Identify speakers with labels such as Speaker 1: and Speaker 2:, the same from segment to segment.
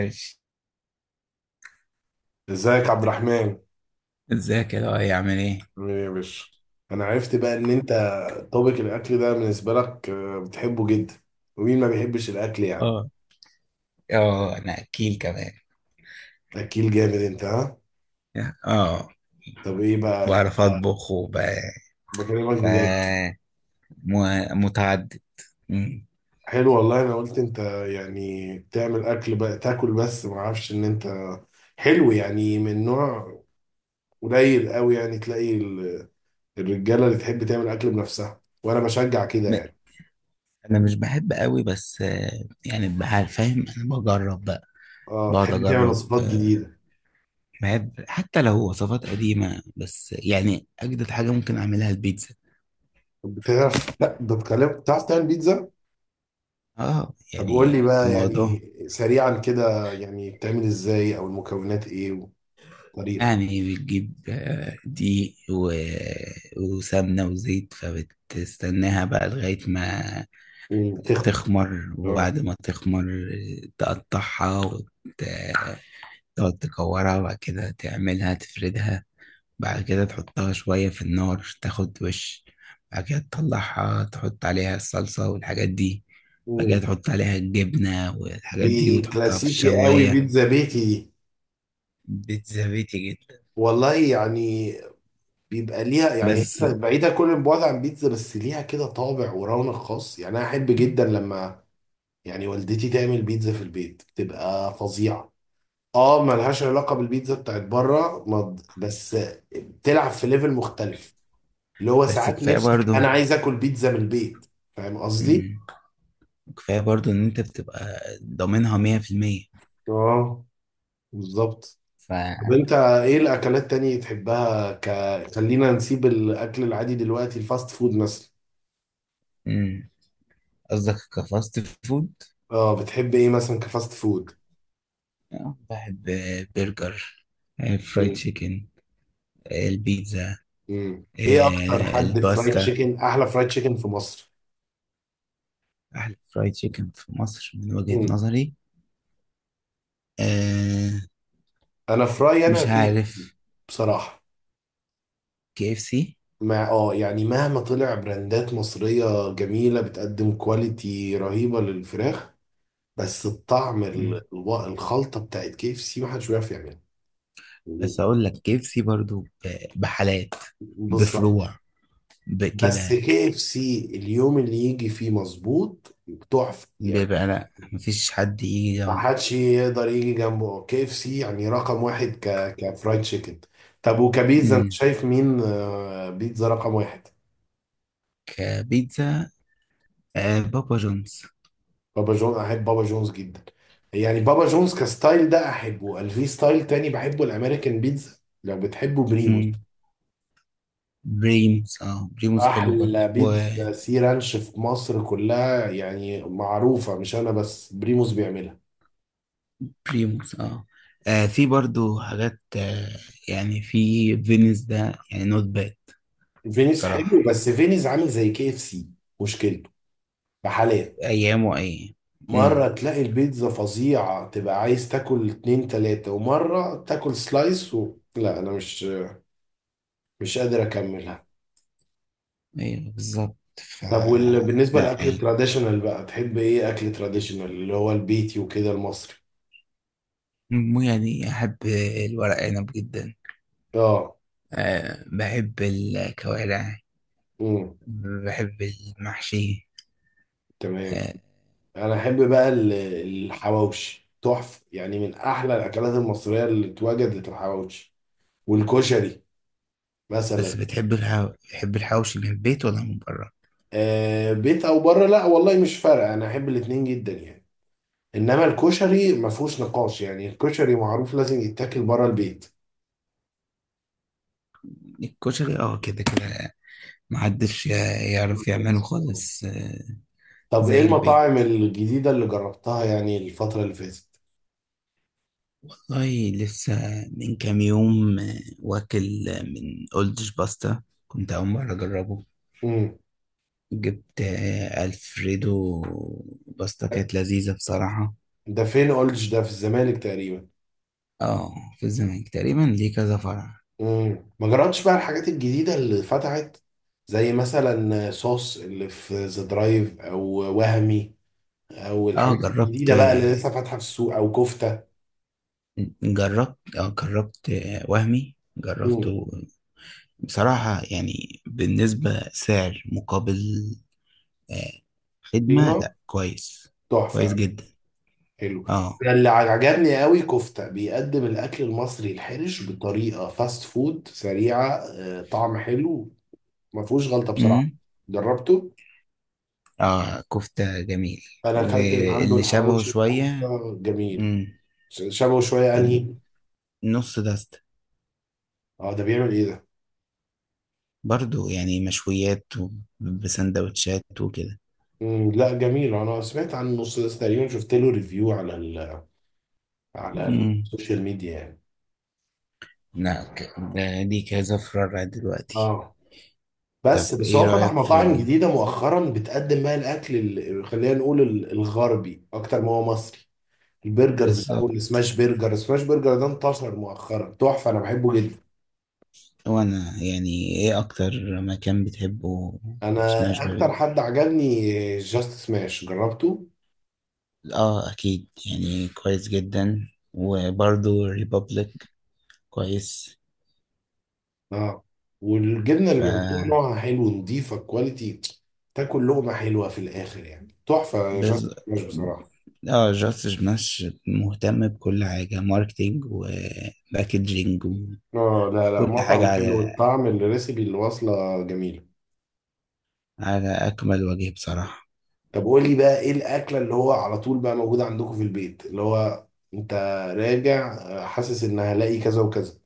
Speaker 1: ماشي.
Speaker 2: ازيك عبد الرحمن؟
Speaker 1: ازيك يا لؤي، عامل ايه؟
Speaker 2: عامل ايه يا باشا؟ انا عرفت بقى ان انت طبق الاكل ده بالنسبه لك بتحبه جدا. ومين ما بيحبش الاكل يعني؟
Speaker 1: اه، اه، انا اكيل كمان.
Speaker 2: اكيل جامد انت، ها؟
Speaker 1: اه،
Speaker 2: طب ايه بقى انت،
Speaker 1: بعرف اطبخ
Speaker 2: بكلمك
Speaker 1: ف
Speaker 2: بجد.
Speaker 1: متعدد. مم.
Speaker 2: حلو والله، انا قلت انت يعني بتعمل اكل بقى تاكل، بس ما اعرفش ان انت حلو يعني من نوع قليل قوي. يعني تلاقي الرجاله اللي تحب تعمل اكل بنفسها، وانا بشجع كده
Speaker 1: ب-
Speaker 2: يعني.
Speaker 1: انا مش بحب قوي، بس يعني بحال فاهم، انا بجرب بقى.
Speaker 2: اه
Speaker 1: بقعد
Speaker 2: تحب تعمل
Speaker 1: اجرب
Speaker 2: وصفات
Speaker 1: آه،
Speaker 2: جديده؟
Speaker 1: بحب حتى لو وصفات قديمة، بس يعني اجدد حاجة ممكن اعملها البيتزا.
Speaker 2: طب بتعرف، لا بتكلم، بتعرف تعمل بيتزا؟
Speaker 1: اه
Speaker 2: طب قول
Speaker 1: يعني
Speaker 2: لي بقى،
Speaker 1: الموضوع.
Speaker 2: يعني سريعا كده، يعني بتعمل ازاي او المكونات ايه والطريقه؟
Speaker 1: يعني بتجيب دقيق وسمنة وزيت، فبتستناها بقى لغاية ما
Speaker 2: وتخمر؟
Speaker 1: تخمر.
Speaker 2: اه.
Speaker 1: وبعد ما تخمر تقطعها، وتقعد تكورها، وبعد كده تعملها، تفردها. بعد كده تحطها شوية في النار، تاخد وش. بعد كده تطلعها، تحط عليها الصلصة والحاجات دي. بعد كده
Speaker 2: مم.
Speaker 1: تحط عليها الجبنة والحاجات دي،
Speaker 2: دي
Speaker 1: وتحطها في
Speaker 2: كلاسيكي قوي،
Speaker 1: الشواية.
Speaker 2: بيتزا بيتي دي.
Speaker 1: بيتزا بيتي جدا.
Speaker 2: والله يعني بيبقى ليها يعني،
Speaker 1: بس
Speaker 2: هي بعيده كل البعد عن بيتزا، بس ليها كده طابع ورونق خاص. يعني انا احب جدا لما يعني والدتي تعمل بيتزا في البيت، بتبقى فظيعه. اه، ملهاش علاقه بالبيتزا بتاعت بره، بس بتلعب في ليفل مختلف. اللي هو
Speaker 1: بس
Speaker 2: ساعات
Speaker 1: كفاية
Speaker 2: نفسك، انا
Speaker 1: برضو
Speaker 2: عايز اكل بيتزا من البيت. فاهم قصدي؟
Speaker 1: كفاية برضو إن أنت بتبقى ضامنها مية في المية.
Speaker 2: اه، بالظبط.
Speaker 1: ف.
Speaker 2: طب انت ايه الاكلات تانية تحبها خلينا نسيب الاكل العادي دلوقتي، الفاست فود مثلا؟
Speaker 1: مم. قصدك كفاست فود؟
Speaker 2: اه بتحب ايه مثلا كفاست فود؟
Speaker 1: بحب برجر، فرايد
Speaker 2: مم.
Speaker 1: تشيكن، البيتزا،
Speaker 2: مم. ايه اكتر حد فرايد
Speaker 1: الباستا.
Speaker 2: تشيكن، احلى فرايد تشيكن في مصر؟
Speaker 1: أحلى فرايد تشيكن في مصر من وجهة
Speaker 2: مم.
Speaker 1: نظري آه،
Speaker 2: انا في رايي انا
Speaker 1: مش
Speaker 2: اكيد،
Speaker 1: عارف،
Speaker 2: بصراحة،
Speaker 1: كي اف سي.
Speaker 2: مع يعني مهما طلع براندات مصرية جميلة بتقدم كواليتي رهيبة للفراخ، بس الطعم الخلطه بتاعت كي اف سي محدش بيعرف يعملها.
Speaker 1: بس أقول لك كي اف سي برضو بحالات،
Speaker 2: بالظبط.
Speaker 1: بفروع،
Speaker 2: بس
Speaker 1: بكده.
Speaker 2: كي اف سي اليوم اللي يجي فيه مظبوط، تحفه يعني.
Speaker 1: بيبقى لأ، مفيش حد يجي جنبه.
Speaker 2: محدش يقدر يجي جنبه، كي اف سي يعني رقم واحد كفرايد تشيكن. طب وكبيتزا، انت
Speaker 1: مم.
Speaker 2: شايف مين بيتزا رقم واحد؟
Speaker 1: كبيتزا بابا جونز.
Speaker 2: بابا جون، احب بابا جونز جدا. يعني بابا جونز كستايل ده احبه، قال في ستايل تاني بحبه، الامريكان بيتزا. لو بتحبه بريمو.
Speaker 1: مم. بريمز اه بريموز حلو برضو.
Speaker 2: احلى
Speaker 1: وبريموز.
Speaker 2: بيتزا سي رانش في مصر كلها، يعني معروفه مش انا بس، بريموس بيعملها.
Speaker 1: اه. في برضو حاجات، آه، يعني في فينيس ده، يعني نوت باد.
Speaker 2: فينيس
Speaker 1: بصراحة
Speaker 2: حلو، بس فينيس عامل زي كي اف سي، مشكلته بحالات.
Speaker 1: أيامه أيام وأيام.
Speaker 2: مره
Speaker 1: امم.
Speaker 2: تلاقي البيتزا فظيعه، تبقى عايز تاكل اتنين تلاته، ومره تاكل سلايس لا انا مش قادر اكملها.
Speaker 1: أيوه بالظبط. ف.
Speaker 2: طب بالنسبه
Speaker 1: لا
Speaker 2: للاكل
Speaker 1: يعني،
Speaker 2: التراديشنال بقى، تحب ايه اكل تراديشنال، اللي هو البيتي وكده، المصري؟
Speaker 1: مو، يعني أحب الورق عنب جدا.
Speaker 2: اه.
Speaker 1: أه، بحب الكوارع،
Speaker 2: امم.
Speaker 1: بحب المحشي.
Speaker 2: تمام.
Speaker 1: أه.
Speaker 2: انا احب بقى الحواوشي، تحفه يعني، من احلى الاكلات المصريه اللي اتوجدت الحواوشي، والكشري
Speaker 1: بس
Speaker 2: مثلا.
Speaker 1: بتحب الحوشي من البيت ولا من بره؟
Speaker 2: آه، بيت او بره، لا والله مش فارقه، انا احب الاتنين جدا يعني. انما الكشري ما فيهوش نقاش، يعني الكشري معروف لازم يتاكل بره البيت.
Speaker 1: الكشري، اه، كده كده محدش يعرف يعمله
Speaker 2: بالظبط.
Speaker 1: خالص.
Speaker 2: طب ايه
Speaker 1: زي البيت.
Speaker 2: المطاعم الجديده اللي جربتها يعني الفتره اللي فاتت؟
Speaker 1: والله لسه من كام يوم، واكل من أولدش باستا، كنت أول مرة أجربه.
Speaker 2: امم.
Speaker 1: جبت ألفريدو باستا، كانت لذيذة بصراحة.
Speaker 2: ده فين قلتش، ده في الزمالك تقريبا؟
Speaker 1: اه في الزمالك تقريبا، ليه كذا فرع.
Speaker 2: مم. ما جربتش بقى الحاجات الجديدة اللي فتحت، زي مثلا صوص اللي في ذا درايف، او وهمي، او
Speaker 1: اه،
Speaker 2: الحاجات
Speaker 1: جربت
Speaker 2: الجديدة بقى اللي
Speaker 1: آه،
Speaker 2: لسه فاتحة في السوق، او كفتة؟
Speaker 1: جربت اه جربت آه، وهمي،
Speaker 2: مم.
Speaker 1: جربته بصراحة، يعني بالنسبة سعر مقابل آه، خدمة،
Speaker 2: قيمة.
Speaker 1: لا كويس، كويس
Speaker 2: تحفة.
Speaker 1: جدا.
Speaker 2: حلو.
Speaker 1: اه.
Speaker 2: أنا اللي عجبني قوي كفتة، بيقدم الاكل المصري الحرش بطريقة فاست فود سريعة، طعم حلو، ما فيهوش غلطة بصراحة.
Speaker 1: امم.
Speaker 2: جربته،
Speaker 1: اه، كفتة جميل.
Speaker 2: انا اكلت من عنده
Speaker 1: واللي شبهه
Speaker 2: الحواوشي،
Speaker 1: شوية.
Speaker 2: الكفتة جميل.
Speaker 1: امم.
Speaker 2: شبهه شوية انهي؟
Speaker 1: النص دست.
Speaker 2: اه، ده بيعمل ايه ده؟
Speaker 1: برضو يعني مشويات بسندوتشات وكده.
Speaker 2: لا جميل، انا سمعت عن النص ده تقريبا، شفت له ريفيو على على
Speaker 1: امم.
Speaker 2: السوشيال ميديا يعني.
Speaker 1: لا ده، دي كذا فرع دلوقتي.
Speaker 2: اه. بس
Speaker 1: طب
Speaker 2: بس
Speaker 1: ايه
Speaker 2: هو فتح
Speaker 1: رأيك في
Speaker 2: مطاعم
Speaker 1: ال...؟
Speaker 2: جديده مؤخرا بتقدم بقى الاكل خلينا نقول الغربي اكتر ما هو مصري. البرجرز بقى
Speaker 1: بالظبط.
Speaker 2: والسماش برجر، السماش برجر ده انتشر مؤخرا، تحفه انا بحبه جدا.
Speaker 1: وانا، يعني ايه اكتر مكان بتحبه
Speaker 2: انا
Speaker 1: سماش
Speaker 2: اكتر
Speaker 1: برجر؟
Speaker 2: حد عجبني جاست سماش، جربته.
Speaker 1: اه اكيد، يعني كويس جدا. وبرضو ريبابليك كويس.
Speaker 2: اه. والجبنه
Speaker 1: ف.
Speaker 2: اللي بيحطوها نوعها حلو، نضيفه، كواليتي. تاكل لقمه حلوه في الاخر، يعني تحفه جاست
Speaker 1: بز...
Speaker 2: سماش بصراحه.
Speaker 1: اه، جاستس بنش مهتم بكل حاجة، ماركتينج وباكجينج
Speaker 2: اه، لا لا،
Speaker 1: وكل حاجة
Speaker 2: مطعم حلو،
Speaker 1: على
Speaker 2: الطعم، الريسبي اللي واصله جميله.
Speaker 1: على أكمل وجه بصراحة.
Speaker 2: طب قول لي بقى ايه الاكله اللي هو على طول بقى موجوده عندكم في البيت، اللي هو انت راجع حاسس ان هلاقي كذا وكذا،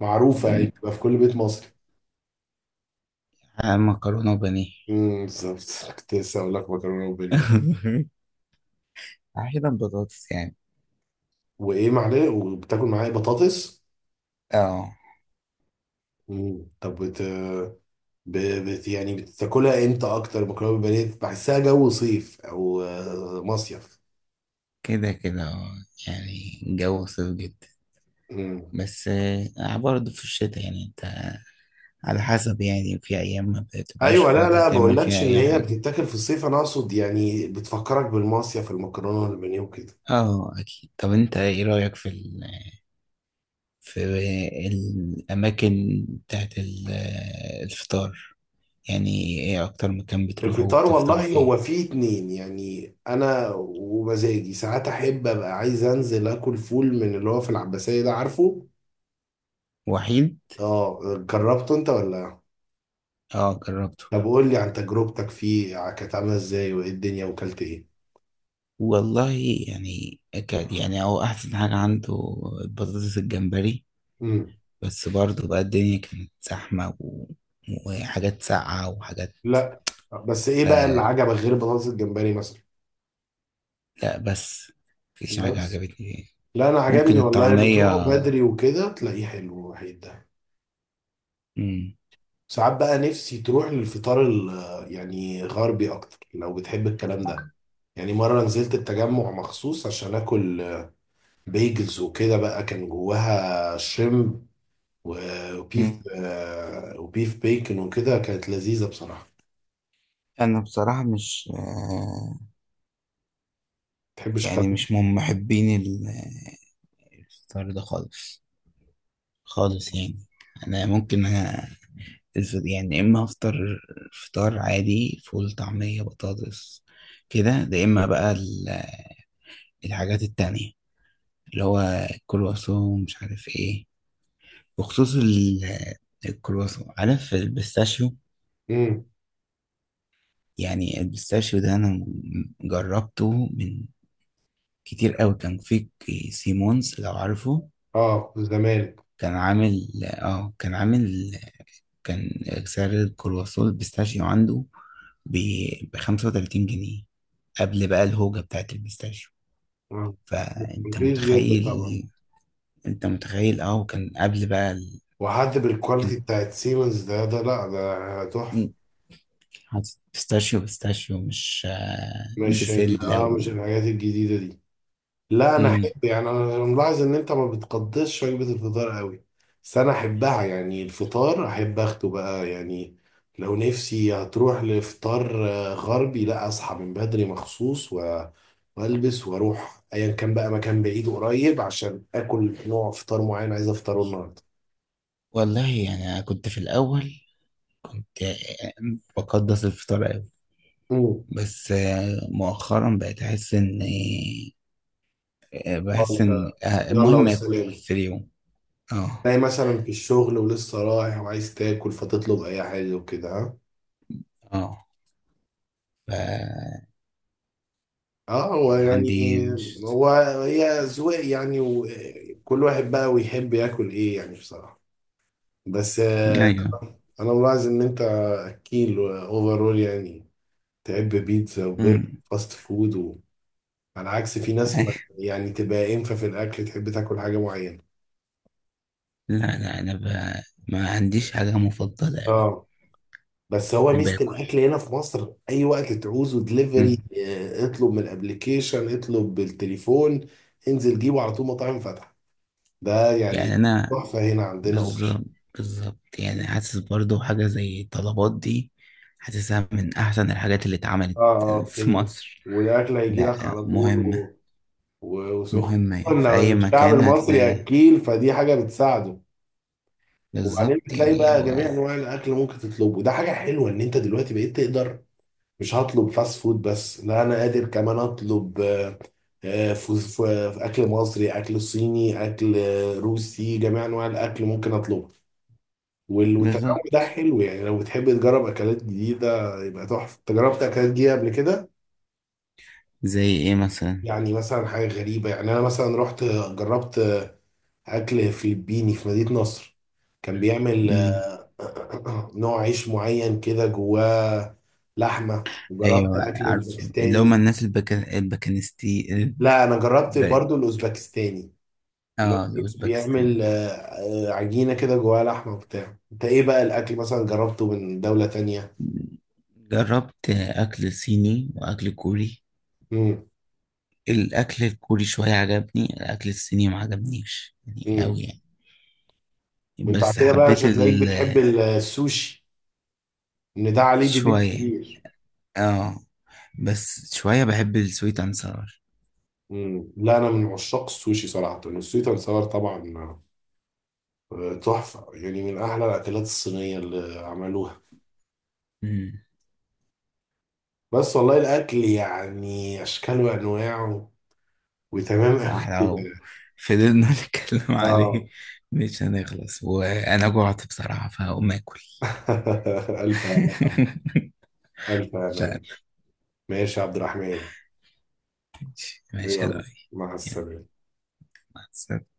Speaker 2: معروفه يعني بتبقى في كل بيت مصري؟
Speaker 1: مكرونة وبانيه.
Speaker 2: امم. بالظبط، كنت لسه اقول لك مكرونه وبانيه.
Speaker 1: أحيانا بطاطس، يعني.
Speaker 2: وايه معلقه، وبتاكل معايا بطاطس.
Speaker 1: اه
Speaker 2: امم. طب ب... يعني بتاكلها امتى اكتر مكرونه وبانيه؟ بحسها جو صيف، او مصيف.
Speaker 1: كده كده اه، يعني الجو صيف جدا، بس، برضه في الشتاء، يعني انت على حسب، يعني في أيام ما بتبقاش
Speaker 2: ايوه، لا
Speaker 1: فاضي
Speaker 2: لا،
Speaker 1: تعمل
Speaker 2: بقولكش
Speaker 1: فيها
Speaker 2: ان
Speaker 1: أي
Speaker 2: هي
Speaker 1: حاجة.
Speaker 2: بتتاكل في الصيف، انا اقصد يعني بتفكرك بالمصيف، المكرونه والبانيه وكده.
Speaker 1: اه أكيد. طب انت ايه رأيك في ال، في الأماكن بتاعت الفطار، يعني إيه أكتر مكان بتروحه
Speaker 2: الفطار
Speaker 1: وبتفطر
Speaker 2: والله
Speaker 1: فيه،
Speaker 2: هو فيه اتنين، يعني انا ومزاجي ساعات احب ابقى عايز انزل اكل فول من اللي هو في العباسيه، ده عارفه.
Speaker 1: وحيد؟
Speaker 2: اه. جربته انت ولا؟
Speaker 1: آه جربته.
Speaker 2: طب قول لي عن تجربتك فيه، كانت عامله ازاي وايه الدنيا وكلت ايه؟
Speaker 1: والله يعني كان، يعني هو أحسن حاجة عنده البطاطس الجمبري،
Speaker 2: امم.
Speaker 1: بس برضه بقى الدنيا كانت زحمة، و... وحاجات ساقعة وحاجات.
Speaker 2: لا. بس ايه بقى اللي
Speaker 1: آه
Speaker 2: عجبك غير بطاطس الجمبري مثلا؟
Speaker 1: لا، بس مفيش حاجة
Speaker 2: بس
Speaker 1: عجبتني فيه.
Speaker 2: لا، انا
Speaker 1: ممكن
Speaker 2: عجبني والله، لما
Speaker 1: الطعمية.
Speaker 2: تروحوا بدري وكده تلاقيه حلو وحيد.
Speaker 1: مم.
Speaker 2: ساعات بقى نفسي تروح للفطار يعني غربي اكتر، لو بتحب الكلام ده. يعني مرة نزلت التجمع مخصوص عشان اكل بيجلز وكده، بقى كان جواها شريمب، و- وبيف
Speaker 1: مم.
Speaker 2: آه، وبيف بيكن وكده، كانت لذيذة بصراحة.
Speaker 1: أنا بصراحة مش
Speaker 2: متحبش الكلام
Speaker 1: يعني،
Speaker 2: ده.
Speaker 1: مش من محبين الفطار ده خالص، خالص يعني. انا ممكن، أنا يعني يا اما افطر فطار عادي، فول طعمية بطاطس كده. ده اما بقى الحاجات التانية، اللي هو الكرواسون مش عارف ايه، بخصوص الكرواسون، عارف البيستاشيو.
Speaker 2: امم.
Speaker 1: يعني البيستاشيو ده انا جربته من كتير قوي، كان في سيمونز، لو عارفه.
Speaker 2: اه، الزمالك.
Speaker 1: كان عامل، كان سعر الكرواسون البيستاشيو عنده ب 35 جنيه، قبل بقى الهوجة بتاعت البيستاشيو.
Speaker 2: آه.
Speaker 1: فانت
Speaker 2: رخيص جدا طبعا،
Speaker 1: متخيل؟ انت متخيل، اه. وكان قبل بقى ال...
Speaker 2: وحد
Speaker 1: إن-
Speaker 2: بالكواليتي بتاعت سيمنز، ده لا ده تحفة.
Speaker 1: إن- حاطط بيستاشيو بيستاشيو، مش،
Speaker 2: مش
Speaker 1: بسلة
Speaker 2: مش
Speaker 1: و...
Speaker 2: الحاجات الجديدة دي. لا، انا
Speaker 1: مم.
Speaker 2: احب يعني، انا ملاحظ ان انت ما بتقدسش وجبه الفطار قوي. بس انا احبها، يعني الفطار احب اخده بقى يعني. لو نفسي هتروح لفطار غربي، لا اصحى من بدري مخصوص والبس واروح ايا كان بقى مكان بعيد وقريب عشان اكل نوع فطار معين عايز افطره النهارده.
Speaker 1: والله يعني أنا كنت في الأول كنت، بقدس الفطار أوي.
Speaker 2: امم.
Speaker 1: بس، مؤخرا بقيت أحس إن، بحس
Speaker 2: انت،
Speaker 1: إن،
Speaker 2: يلا
Speaker 1: المهم آكل
Speaker 2: والسلام.
Speaker 1: في اليوم. اه.
Speaker 2: تلاقي مثلا في الشغل ولسه رايح وعايز تاكل، فتطلب اي حاجه وكده، ها.
Speaker 1: اه. ف.
Speaker 2: اه، هو
Speaker 1: يعني
Speaker 2: يعني
Speaker 1: عندي مش.
Speaker 2: هو هي أذواق يعني، وكل واحد بقى ويحب ياكل ايه يعني، بصراحة. بس
Speaker 1: ايوه.
Speaker 2: انا ملاحظ ان انت اكيل اوفرول يعني، تحب بيتزا وبرجر
Speaker 1: امم.
Speaker 2: فاست فود على عكس في ناس
Speaker 1: أيوة.
Speaker 2: ما يعني تبقى انفه في الاكل، تحب تاكل حاجة معينة.
Speaker 1: لا لا، انا ب... ما عنديش حاجه مفضله قوي.
Speaker 2: اه. بس هو
Speaker 1: يعني
Speaker 2: ميزة
Speaker 1: باكل.
Speaker 2: الاكل هنا في مصر، اي وقت تعوزه دليفري،
Speaker 1: امم.
Speaker 2: اطلب من الابليكيشن، اطلب بالتليفون، انزل جيبه على طول، مطاعم فاتحة. ده
Speaker 1: يعني
Speaker 2: يعني
Speaker 1: انا.
Speaker 2: تحفة هنا عندنا اوبشن.
Speaker 1: بالظبط. بالظبط، يعني حاسس برضو حاجه زي الطلبات دي، حاسسها من احسن الحاجات اللي اتعملت
Speaker 2: اه. اه،
Speaker 1: في
Speaker 2: بتنجز
Speaker 1: مصر.
Speaker 2: والاكل هيجي لك
Speaker 1: لا
Speaker 2: على طول
Speaker 1: مهمه،
Speaker 2: وسخن.
Speaker 1: مهمه يعني، في اي
Speaker 2: لو الشعب
Speaker 1: مكان
Speaker 2: المصري
Speaker 1: هتلاقي.
Speaker 2: اكيل فدي حاجه بتساعده. وبعدين
Speaker 1: بالظبط
Speaker 2: بتلاقي
Speaker 1: يعني
Speaker 2: بقى
Speaker 1: هو.
Speaker 2: جميع انواع الاكل ممكن تطلبه، ده حاجه حلوه ان انت دلوقتي بقيت تقدر مش هطلب فاست فود بس، لا انا قادر كمان اطلب آه، ف- ف- اكل مصري، اكل صيني، اكل روسي، جميع انواع الاكل ممكن اطلبه. والتنوع ده
Speaker 1: بالظبط.
Speaker 2: حلو، يعني لو بتحب تجرب اكلات جديده يبقى تحفه، تجربت اكلات جديده قبل كده؟
Speaker 1: زي ايه مثلا؟
Speaker 2: يعني مثلا حاجة غريبة، يعني أنا مثلا رحت، جربت أكل فلبيني في مدينة نصر، كان بيعمل نوع عيش معين كده جواه لحمة، وجربت
Speaker 1: ايوه
Speaker 2: أكل
Speaker 1: عارفه، اللي هم
Speaker 2: أوزبكستاني.
Speaker 1: الناس الباكنستي. الب...
Speaker 2: لا، أنا جربت برضو الأوزبكستاني، اللي هو
Speaker 1: اه الاوزبكستان.
Speaker 2: بيعمل عجينة كده جواها لحمة وبتاع. أنت إيه بقى الأكل مثلا جربته من دولة تانية؟
Speaker 1: جربت اكل صيني واكل كوري.
Speaker 2: امم.
Speaker 1: الاكل الكوري شويه عجبني، الاكل الصيني ما عجبنيش يعني
Speaker 2: امم.
Speaker 1: قوي، يعني.
Speaker 2: وأنت على
Speaker 1: بس
Speaker 2: كده بقى مش
Speaker 1: حبيت
Speaker 2: هتلاقيك
Speaker 1: ال.
Speaker 2: بتحب السوشي، إن ده عليه ديبيت
Speaker 1: شويه.
Speaker 2: كبير.
Speaker 1: اه، بس شويه بحب السويت اند ساور.
Speaker 2: مم. لا، انا من عشاق السوشي صراحه، السوشي تنسور طبعا، تحفه يعني، من احلى الاكلات الصينيه اللي عملوها.
Speaker 1: امم.
Speaker 2: بس والله الاكل يعني اشكال وانواعه وتمام قوي
Speaker 1: صح. لو
Speaker 2: كده.
Speaker 1: فضلنا نتكلم
Speaker 2: اه.
Speaker 1: عليه مش هنخلص. وانا جوعت بصراحه، فهقوم اكل.
Speaker 2: الف هنا. الف هنا
Speaker 1: مش.
Speaker 2: يا باشا. ماشي يا عبد الرحمن.
Speaker 1: ماشي يا
Speaker 2: يلا،
Speaker 1: دعي.
Speaker 2: مع
Speaker 1: يعني
Speaker 2: السلامه.
Speaker 1: مع السلامة.